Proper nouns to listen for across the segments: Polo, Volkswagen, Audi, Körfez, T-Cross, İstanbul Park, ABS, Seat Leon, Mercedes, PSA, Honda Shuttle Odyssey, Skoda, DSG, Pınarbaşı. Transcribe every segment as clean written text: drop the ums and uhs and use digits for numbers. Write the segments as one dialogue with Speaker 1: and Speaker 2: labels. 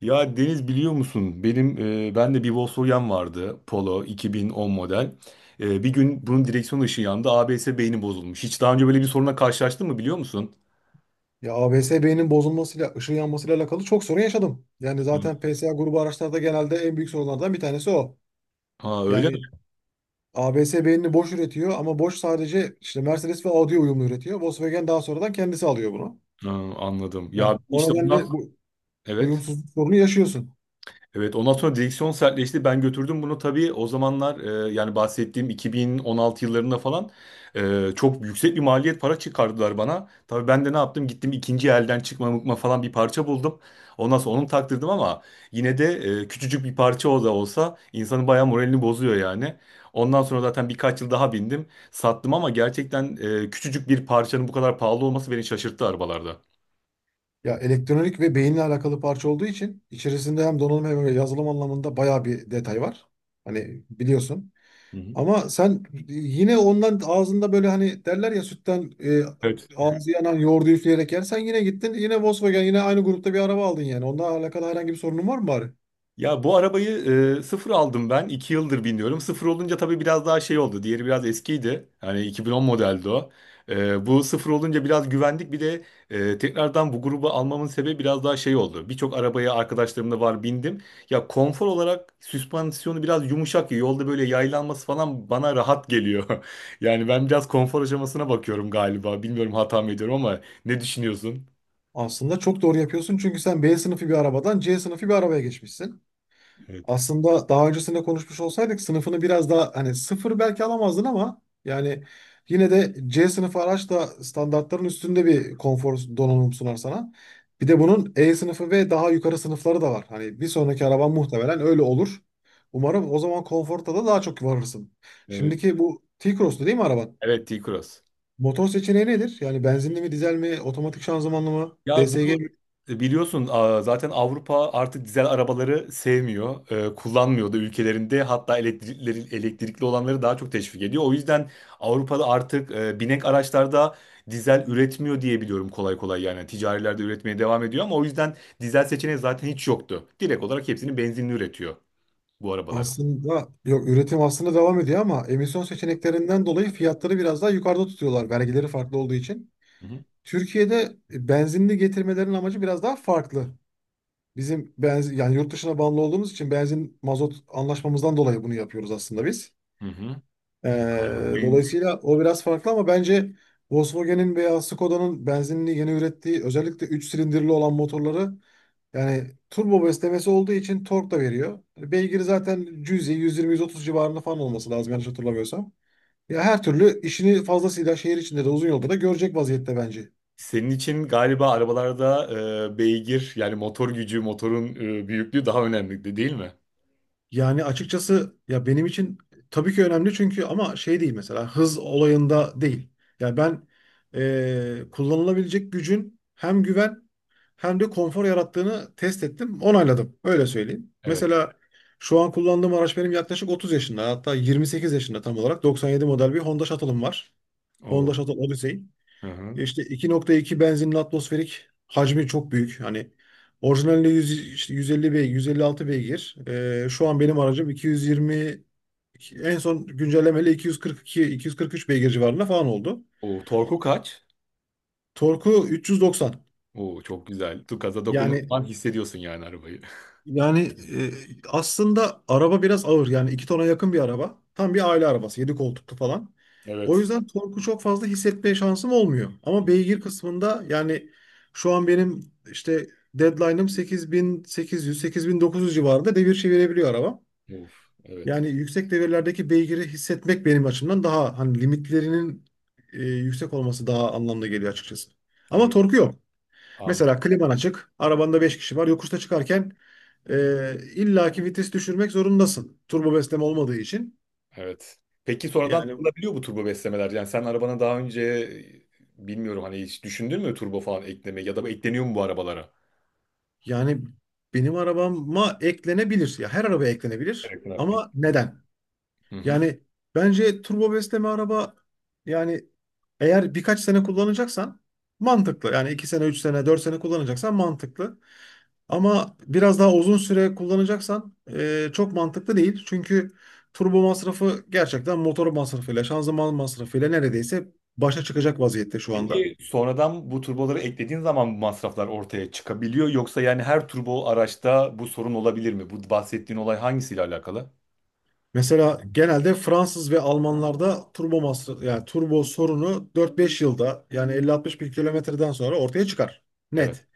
Speaker 1: Ya Deniz biliyor musun? Benim ben de bir Volkswagen vardı Polo 2010 model. Bir gün bunun direksiyon ışığı yandı. ABS beyni bozulmuş. Hiç daha önce böyle bir soruna karşılaştın mı biliyor musun?
Speaker 2: Ya ABS-B'nin bozulmasıyla, ışığı yanmasıyla alakalı çok sorun yaşadım. Yani
Speaker 1: Hı.
Speaker 2: zaten PSA grubu araçlarda genelde en büyük sorunlardan bir tanesi o.
Speaker 1: Ha öyle
Speaker 2: Yani
Speaker 1: mi?
Speaker 2: ABS beynini boş üretiyor ama boş sadece işte Mercedes ve Audi uyumlu üretiyor. Volkswagen daha sonradan kendisi alıyor bunu.
Speaker 1: Ha, anladım. Ya
Speaker 2: Ya o
Speaker 1: işte ondan
Speaker 2: nedenle bu
Speaker 1: evet.
Speaker 2: uyumsuzluk sorunu yaşıyorsun.
Speaker 1: Evet ondan sonra direksiyon sertleşti. Ben götürdüm bunu tabii o zamanlar yani bahsettiğim 2016 yıllarında falan çok yüksek bir maliyet para çıkardılar bana. Tabii ben de ne yaptım gittim ikinci elden çıkma mıkma falan bir parça buldum. Ondan sonra onu taktırdım ama yine de küçücük bir parça o da olsa insanın bayağı moralini bozuyor yani. Ondan sonra zaten birkaç yıl daha bindim sattım ama gerçekten küçücük bir parçanın bu kadar pahalı olması beni şaşırttı arabalarda.
Speaker 2: Ya elektronik ve beyinle alakalı parça olduğu için içerisinde hem donanım hem yazılım anlamında bayağı bir detay var. Hani biliyorsun.
Speaker 1: Hı hı.
Speaker 2: Ama sen yine ondan ağzında böyle hani derler ya sütten
Speaker 1: Evet.
Speaker 2: ağzı yanan yoğurdu üfleyerek yersen yine gittin yine Volkswagen yine aynı grupta bir araba aldın yani. Onunla alakalı herhangi bir sorunun var mı bari?
Speaker 1: Ya bu arabayı sıfır aldım ben. 2 yıldır biniyorum. Sıfır olunca tabii biraz daha şey oldu. Diğeri biraz eskiydi. Hani 2010 modeldi o. Bu sıfır olunca biraz güvendik. Bir de tekrardan bu grubu almamın sebebi biraz daha şey oldu. Birçok arabaya arkadaşlarımla var bindim. Ya konfor olarak süspansiyonu biraz yumuşak. Ya. Yolda böyle yaylanması falan bana rahat geliyor. Yani ben biraz konfor aşamasına bakıyorum galiba. Bilmiyorum hata mı ediyorum ama ne düşünüyorsun?
Speaker 2: Aslında çok doğru yapıyorsun çünkü sen B sınıfı bir arabadan C sınıfı bir arabaya geçmişsin.
Speaker 1: Evet.
Speaker 2: Aslında daha öncesinde konuşmuş olsaydık sınıfını biraz daha hani sıfır belki alamazdın ama yani yine de C sınıfı araç da standartların üstünde bir konfor donanım sunar sana. Bir de bunun E sınıfı ve daha yukarı sınıfları da var. Hani bir sonraki araban muhtemelen öyle olur. Umarım o zaman konforta da daha çok varırsın.
Speaker 1: Evet,
Speaker 2: Şimdiki bu T-Cross'tu değil mi araban?
Speaker 1: evet T-Cross.
Speaker 2: Motor seçeneği nedir? Yani benzinli mi, dizel mi, otomatik şanzımanlı mı,
Speaker 1: Ya
Speaker 2: DSG.
Speaker 1: bu biliyorsun zaten Avrupa artık dizel arabaları sevmiyor, kullanmıyor da ülkelerinde hatta elektrikli, elektrikli olanları daha çok teşvik ediyor. O yüzden Avrupa'da artık binek araçlarda dizel üretmiyor diye biliyorum kolay kolay yani ticarilerde üretmeye devam ediyor ama o yüzden dizel seçeneği zaten hiç yoktu. Direkt olarak hepsini benzinli üretiyor bu arabaların.
Speaker 2: Aslında yok üretim aslında devam ediyor ama emisyon seçeneklerinden dolayı fiyatları biraz daha yukarıda tutuyorlar vergileri farklı olduğu için.
Speaker 1: Hı hı.
Speaker 2: Türkiye'de benzinli getirmelerin amacı biraz daha farklı. Bizim benzin yani yurt dışına bağımlı olduğumuz için benzin mazot anlaşmamızdan dolayı bunu yapıyoruz aslında biz.
Speaker 1: Hı hı. Benzin.
Speaker 2: Dolayısıyla o biraz farklı ama bence Volkswagen'in veya Skoda'nın benzinli yeni ürettiği özellikle 3 silindirli olan motorları yani turbo beslemesi olduğu için tork da veriyor. Beygiri zaten cüzi 120-130 civarında falan olması lazım yanlış hatırlamıyorsam. Ya her türlü işini fazlasıyla şehir içinde de uzun yolda da görecek vaziyette bence.
Speaker 1: Senin için galiba arabalarda beygir yani motor gücü, motorun büyüklüğü daha önemli değil mi?
Speaker 2: Yani açıkçası ya benim için tabii ki önemli çünkü ama şey değil mesela hız olayında değil. Yani ben kullanılabilecek gücün hem güven hem de konfor yarattığını test ettim, onayladım. Öyle söyleyeyim.
Speaker 1: Evet.
Speaker 2: Mesela şu an kullandığım araç benim yaklaşık 30 yaşında hatta 28 yaşında tam olarak 97 model bir Honda Shuttle'ım var.
Speaker 1: Oo.
Speaker 2: Honda Shuttle Odyssey.
Speaker 1: Hı hı.
Speaker 2: Ya İşte 2,2 benzinin atmosferik hacmi çok büyük. Hani orijinalinde 100, işte 150 beygir, 156 beygir. Şu an benim aracım 220, en son güncellemeyle 242, 243 beygir civarında falan oldu.
Speaker 1: O torku kaç?
Speaker 2: Torku 390.
Speaker 1: Oo, çok güzel. Tu gaza dokunduğun
Speaker 2: Yani
Speaker 1: an hissediyorsun yani arabayı.
Speaker 2: Yani e, aslında araba biraz ağır. Yani 2 tona yakın bir araba. Tam bir aile arabası, 7 koltuklu falan. O
Speaker 1: Evet.
Speaker 2: yüzden torku çok fazla hissetmeye şansım olmuyor. Ama beygir kısmında yani şu an benim işte deadline'ım 8.800, 8.900 civarında devir çevirebiliyor araba.
Speaker 1: Uf, evet.
Speaker 2: Yani yüksek devirlerdeki beygiri hissetmek benim açımdan daha hani limitlerinin yüksek olması daha anlamlı geliyor açıkçası. Ama
Speaker 1: Evet.
Speaker 2: torku yok.
Speaker 1: Anladım.
Speaker 2: Mesela kliman açık, arabanda 5 kişi var. Yokuşta çıkarken illaki vites düşürmek zorundasın. Turbo besleme olmadığı için.
Speaker 1: Evet. Peki sonradan
Speaker 2: Yani
Speaker 1: takılabiliyor bu turbo beslemeler. Yani sen arabana daha önce bilmiyorum hani hiç düşündün mü turbo falan eklemeyi ya da bu ekleniyor mu bu arabalara?
Speaker 2: yani benim arabama eklenebilir. Ya her araba eklenebilir.
Speaker 1: Evet. Evet,
Speaker 2: Ama
Speaker 1: eklenir.
Speaker 2: neden?
Speaker 1: Hı hı.
Speaker 2: Yani bence turbo besleme araba yani eğer birkaç sene kullanacaksan mantıklı. Yani 2 sene, 3 sene, 4 sene kullanacaksan mantıklı. Ama biraz daha uzun süre kullanacaksan çok mantıklı değil. Çünkü turbo masrafı gerçekten motor masrafıyla, şanzıman masrafıyla neredeyse başa çıkacak vaziyette şu anda.
Speaker 1: Peki sonradan bu turboları eklediğin zaman bu masraflar ortaya çıkabiliyor yoksa yani her turbo araçta bu sorun olabilir mi? Bu bahsettiğin olay hangisiyle alakalı?
Speaker 2: Mesela genelde Fransız ve Almanlarda turbo masraf yani turbo sorunu 4-5 yılda yani 50-60 bin kilometreden sonra ortaya çıkar.
Speaker 1: Evet.
Speaker 2: Net.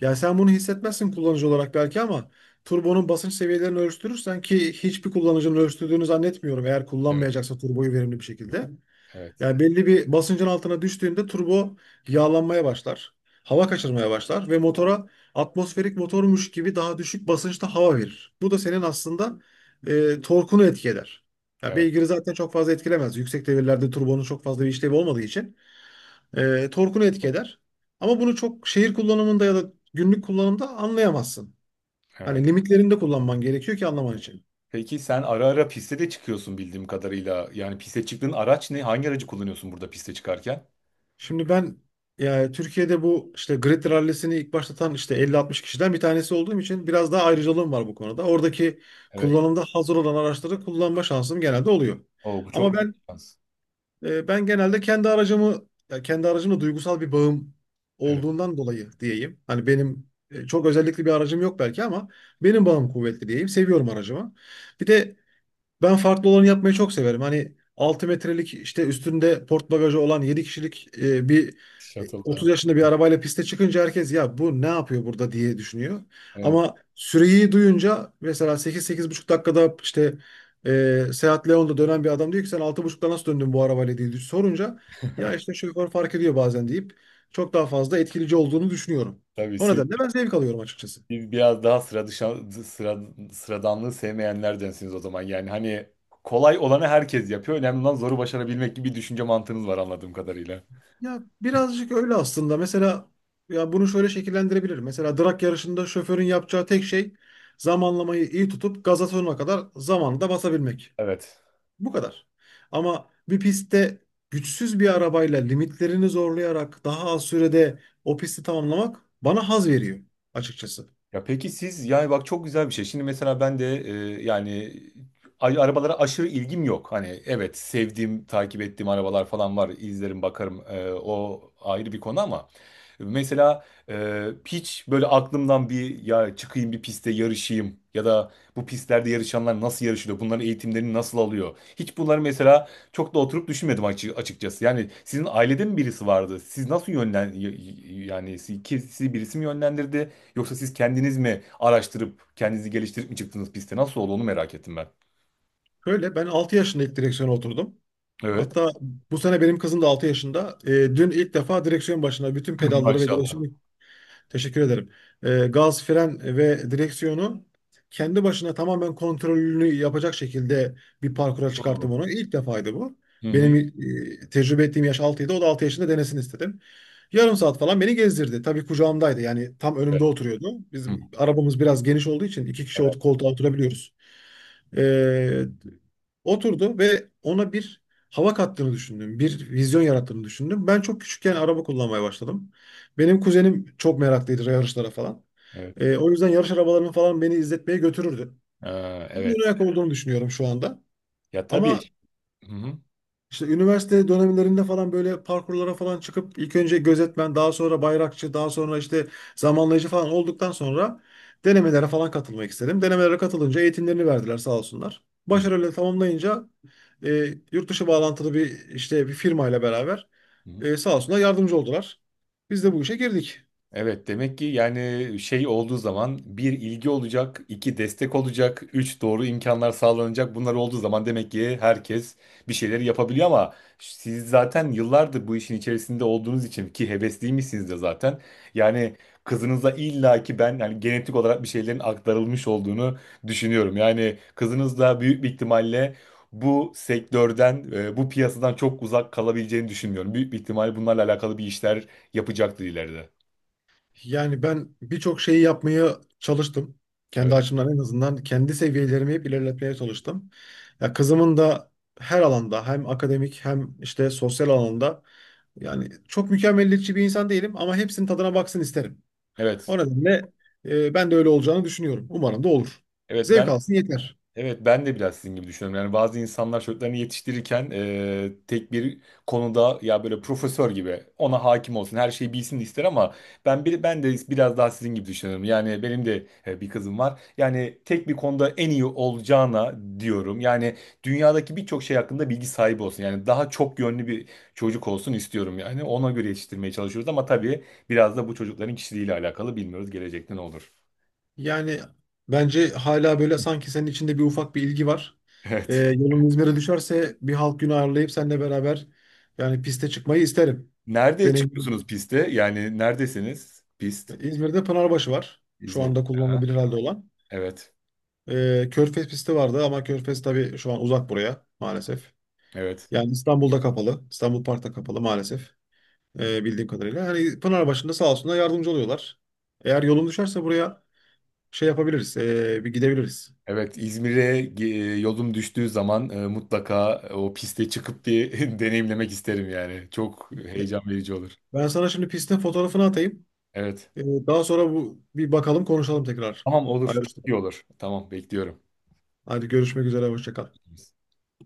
Speaker 2: Yani sen bunu hissetmezsin kullanıcı olarak belki ama turbonun basınç seviyelerini ölçtürürsen ki hiçbir kullanıcının ölçtürdüğünü zannetmiyorum eğer
Speaker 1: Evet.
Speaker 2: kullanmayacaksa turboyu verimli bir şekilde.
Speaker 1: Evet.
Speaker 2: Yani belli bir basıncın altına düştüğünde turbo yağlanmaya başlar. Hava kaçırmaya başlar ve motora atmosferik motormuş gibi daha düşük basınçta hava verir. Bu da senin aslında torkunu etki eder. Ya
Speaker 1: Evet.
Speaker 2: beygiri zaten çok fazla etkilemez. Yüksek devirlerde turbonun çok fazla bir işlevi olmadığı için torkunu etki eder. Ama bunu çok şehir kullanımında ya da günlük kullanımda anlayamazsın.
Speaker 1: Evet.
Speaker 2: Hani limitlerinde kullanman gerekiyor ki anlaman için.
Speaker 1: Peki sen ara ara piste de çıkıyorsun bildiğim kadarıyla. Yani piste çıktığın araç ne? Hangi aracı kullanıyorsun burada piste çıkarken?
Speaker 2: Şimdi ben yani Türkiye'de bu işte grid rallisini ilk başlatan işte 50-60 kişiden bir tanesi olduğum için biraz daha ayrıcalığım var bu konuda. Oradaki
Speaker 1: Evet.
Speaker 2: kullanımda hazır olan araçları kullanma şansım genelde oluyor.
Speaker 1: Oo, bu
Speaker 2: Ama
Speaker 1: çok büyük bir
Speaker 2: ben
Speaker 1: şans.
Speaker 2: e, ben genelde kendi aracımı ya kendi aracımla duygusal bir bağım
Speaker 1: Evet.
Speaker 2: olduğundan dolayı diyeyim. Hani benim çok özellikli bir aracım yok belki ama benim bağım kuvvetli diyeyim. Seviyorum aracımı. Bir de ben farklı olanı yapmayı çok severim. Hani 6 metrelik işte üstünde port bagajı olan 7 kişilik bir 30
Speaker 1: Shuttle'da.
Speaker 2: yaşında bir arabayla piste çıkınca herkes ya bu ne yapıyor burada diye düşünüyor.
Speaker 1: Evet.
Speaker 2: Ama süreyi duyunca mesela 8 buçuk dakikada işte Seat Leon'da dönen bir adam diyor ki sen altı buçukta nasıl döndün bu arabayla diye sorunca ya işte şoför fark ediyor bazen deyip çok daha fazla etkileyici olduğunu düşünüyorum.
Speaker 1: Tabii
Speaker 2: O
Speaker 1: siz,
Speaker 2: nedenle ben zevk alıyorum açıkçası.
Speaker 1: biraz daha sıra dışı, sıra, sıradanlığı sevmeyenlerdensiniz o zaman. Yani hani kolay olanı herkes yapıyor. Önemli olan zoru başarabilmek gibi bir düşünce mantığınız var anladığım kadarıyla.
Speaker 2: Ya birazcık öyle aslında. Mesela ya bunu şöyle şekillendirebilirim. Mesela drag yarışında şoförün yapacağı tek şey zamanlamayı iyi tutup gaza sonuna kadar zamanında basabilmek.
Speaker 1: Evet.
Speaker 2: Bu kadar. Ama bir pistte güçsüz bir arabayla limitlerini zorlayarak daha az sürede o pisti tamamlamak bana haz veriyor açıkçası.
Speaker 1: Ya peki siz yani bak çok güzel bir şey. Şimdi mesela ben de yani arabalara aşırı ilgim yok. Hani evet sevdiğim, takip ettiğim arabalar falan var. İzlerim, bakarım. O ayrı bir konu ama mesela hiç böyle aklımdan bir ya çıkayım bir piste yarışayım ya da bu pistlerde yarışanlar nasıl yarışıyor? Bunların eğitimlerini nasıl alıyor? Hiç bunları mesela çok da oturup düşünmedim açıkçası. Yani sizin ailede mi birisi vardı? Siz nasıl yani sizi birisi mi yönlendirdi? Yoksa siz kendiniz mi araştırıp kendinizi geliştirip mi çıktınız piste? Nasıl oldu onu merak ettim ben.
Speaker 2: Şöyle ben 6 yaşında ilk direksiyona oturdum.
Speaker 1: Evet.
Speaker 2: Hatta bu sene benim kızım da 6 yaşında. Dün ilk defa direksiyon başına bütün pedalları ve
Speaker 1: Maşallah.
Speaker 2: direksiyon. Teşekkür ederim. Gaz, fren ve direksiyonu kendi başına tamamen kontrolünü yapacak şekilde bir parkura
Speaker 1: Olur.
Speaker 2: çıkarttım onu. İlk defaydı bu.
Speaker 1: Hı hı.
Speaker 2: Benim tecrübe ettiğim yaş altıydı. O da 6 yaşında denesin istedim. Yarım saat falan beni gezdirdi. Tabii kucağımdaydı. Yani tam
Speaker 1: Evet.
Speaker 2: önümde oturuyordu.
Speaker 1: Hı.
Speaker 2: Bizim arabamız biraz geniş olduğu için iki kişi
Speaker 1: Evet.
Speaker 2: koltuğa oturabiliyoruz. Ee, Oturdu ve ona bir hava kattığını düşündüm. Bir vizyon yarattığını düşündüm. Ben çok küçükken araba kullanmaya başladım. Benim kuzenim çok meraklıydı yarışlara falan.
Speaker 1: Evet.
Speaker 2: O yüzden yarış arabalarını falan beni izletmeye götürürdü.
Speaker 1: Ee,
Speaker 2: Bunun
Speaker 1: evet.
Speaker 2: ayak olduğunu düşünüyorum şu anda.
Speaker 1: Ya tabii.
Speaker 2: Ama
Speaker 1: Hı hı.
Speaker 2: işte üniversite dönemlerinde falan böyle parkurlara falan çıkıp ilk önce gözetmen, daha sonra bayrakçı, daha sonra işte zamanlayıcı falan olduktan sonra denemelere falan katılmak istedim. Denemelere katılınca eğitimlerini verdiler sağ olsunlar.
Speaker 1: Hı
Speaker 2: Başarıyla tamamlayınca yurt dışı bağlantılı bir işte bir firmayla beraber
Speaker 1: hı.
Speaker 2: sağ olsunlar yardımcı oldular. Biz de bu işe girdik.
Speaker 1: Evet demek ki yani şey olduğu zaman bir ilgi olacak, iki destek olacak, üç doğru imkanlar sağlanacak. Bunlar olduğu zaman demek ki herkes bir şeyleri yapabiliyor ama siz zaten yıllardır bu işin içerisinde olduğunuz için ki hevesliymişsiniz de zaten. Yani kızınıza illa ki ben yani genetik olarak bir şeylerin aktarılmış olduğunu düşünüyorum. Yani kızınız da büyük bir ihtimalle bu sektörden, bu piyasadan çok uzak kalabileceğini düşünmüyorum. Büyük bir ihtimalle bunlarla alakalı bir işler yapacaktır ileride.
Speaker 2: Yani ben birçok şeyi yapmaya çalıştım. Kendi
Speaker 1: Evet.
Speaker 2: açımdan en azından kendi seviyelerimi hep ilerletmeye çalıştım. Ya kızımın da her alanda hem akademik hem işte sosyal alanda yani çok mükemmeliyetçi bir insan değilim ama hepsinin tadına baksın isterim.
Speaker 1: Evet.
Speaker 2: O nedenle ben de öyle olacağını düşünüyorum. Umarım da olur.
Speaker 1: Evet ben
Speaker 2: Zevk alsın yeter.
Speaker 1: evet, ben de biraz sizin gibi düşünüyorum. Yani bazı insanlar çocuklarını yetiştirirken tek bir konuda ya böyle profesör gibi ona hakim olsun, her şeyi bilsin ister ama ben de biraz daha sizin gibi düşünüyorum. Yani benim de bir kızım var. Yani tek bir konuda en iyi olacağına diyorum. Yani dünyadaki birçok şey hakkında bilgi sahibi olsun. Yani daha çok yönlü bir çocuk olsun istiyorum yani. Ona göre yetiştirmeye çalışıyoruz ama tabii biraz da bu çocukların kişiliğiyle alakalı bilmiyoruz gelecekte ne olur.
Speaker 2: Yani bence hala böyle sanki senin içinde bir ufak bir ilgi var. E,
Speaker 1: Evet.
Speaker 2: yolun İzmir'e düşerse bir halk günü ayarlayıp seninle beraber yani piste çıkmayı isterim.
Speaker 1: Nerede
Speaker 2: Deneyim.
Speaker 1: çıkıyorsunuz piste? Yani neredesiniz? Pist.
Speaker 2: İzmir'de Pınarbaşı var. Şu
Speaker 1: İzmir.
Speaker 2: anda
Speaker 1: Aha,
Speaker 2: kullanılabilir halde olan.
Speaker 1: evet.
Speaker 2: Körfez pisti vardı ama Körfez tabii şu an uzak buraya maalesef.
Speaker 1: Evet.
Speaker 2: Yani İstanbul'da kapalı. İstanbul Park'ta kapalı maalesef. Bildiğim kadarıyla. Hani Pınarbaşı'nda sağ olsunlar yardımcı oluyorlar. Eğer yolun düşerse buraya şey yapabiliriz. Bir gidebiliriz.
Speaker 1: Evet. İzmir'e yolum düştüğü zaman mutlaka o piste çıkıp bir deneyimlemek isterim yani. Çok heyecan verici olur.
Speaker 2: Ben sana şimdi pistin fotoğrafını atayım.
Speaker 1: Evet.
Speaker 2: Ee, Daha sonra bu bir bakalım konuşalım tekrar.
Speaker 1: Tamam olur.
Speaker 2: Ayrıştık.
Speaker 1: Çok iyi olur. Tamam bekliyorum.
Speaker 2: Hadi görüşmek üzere. Hoşça kal.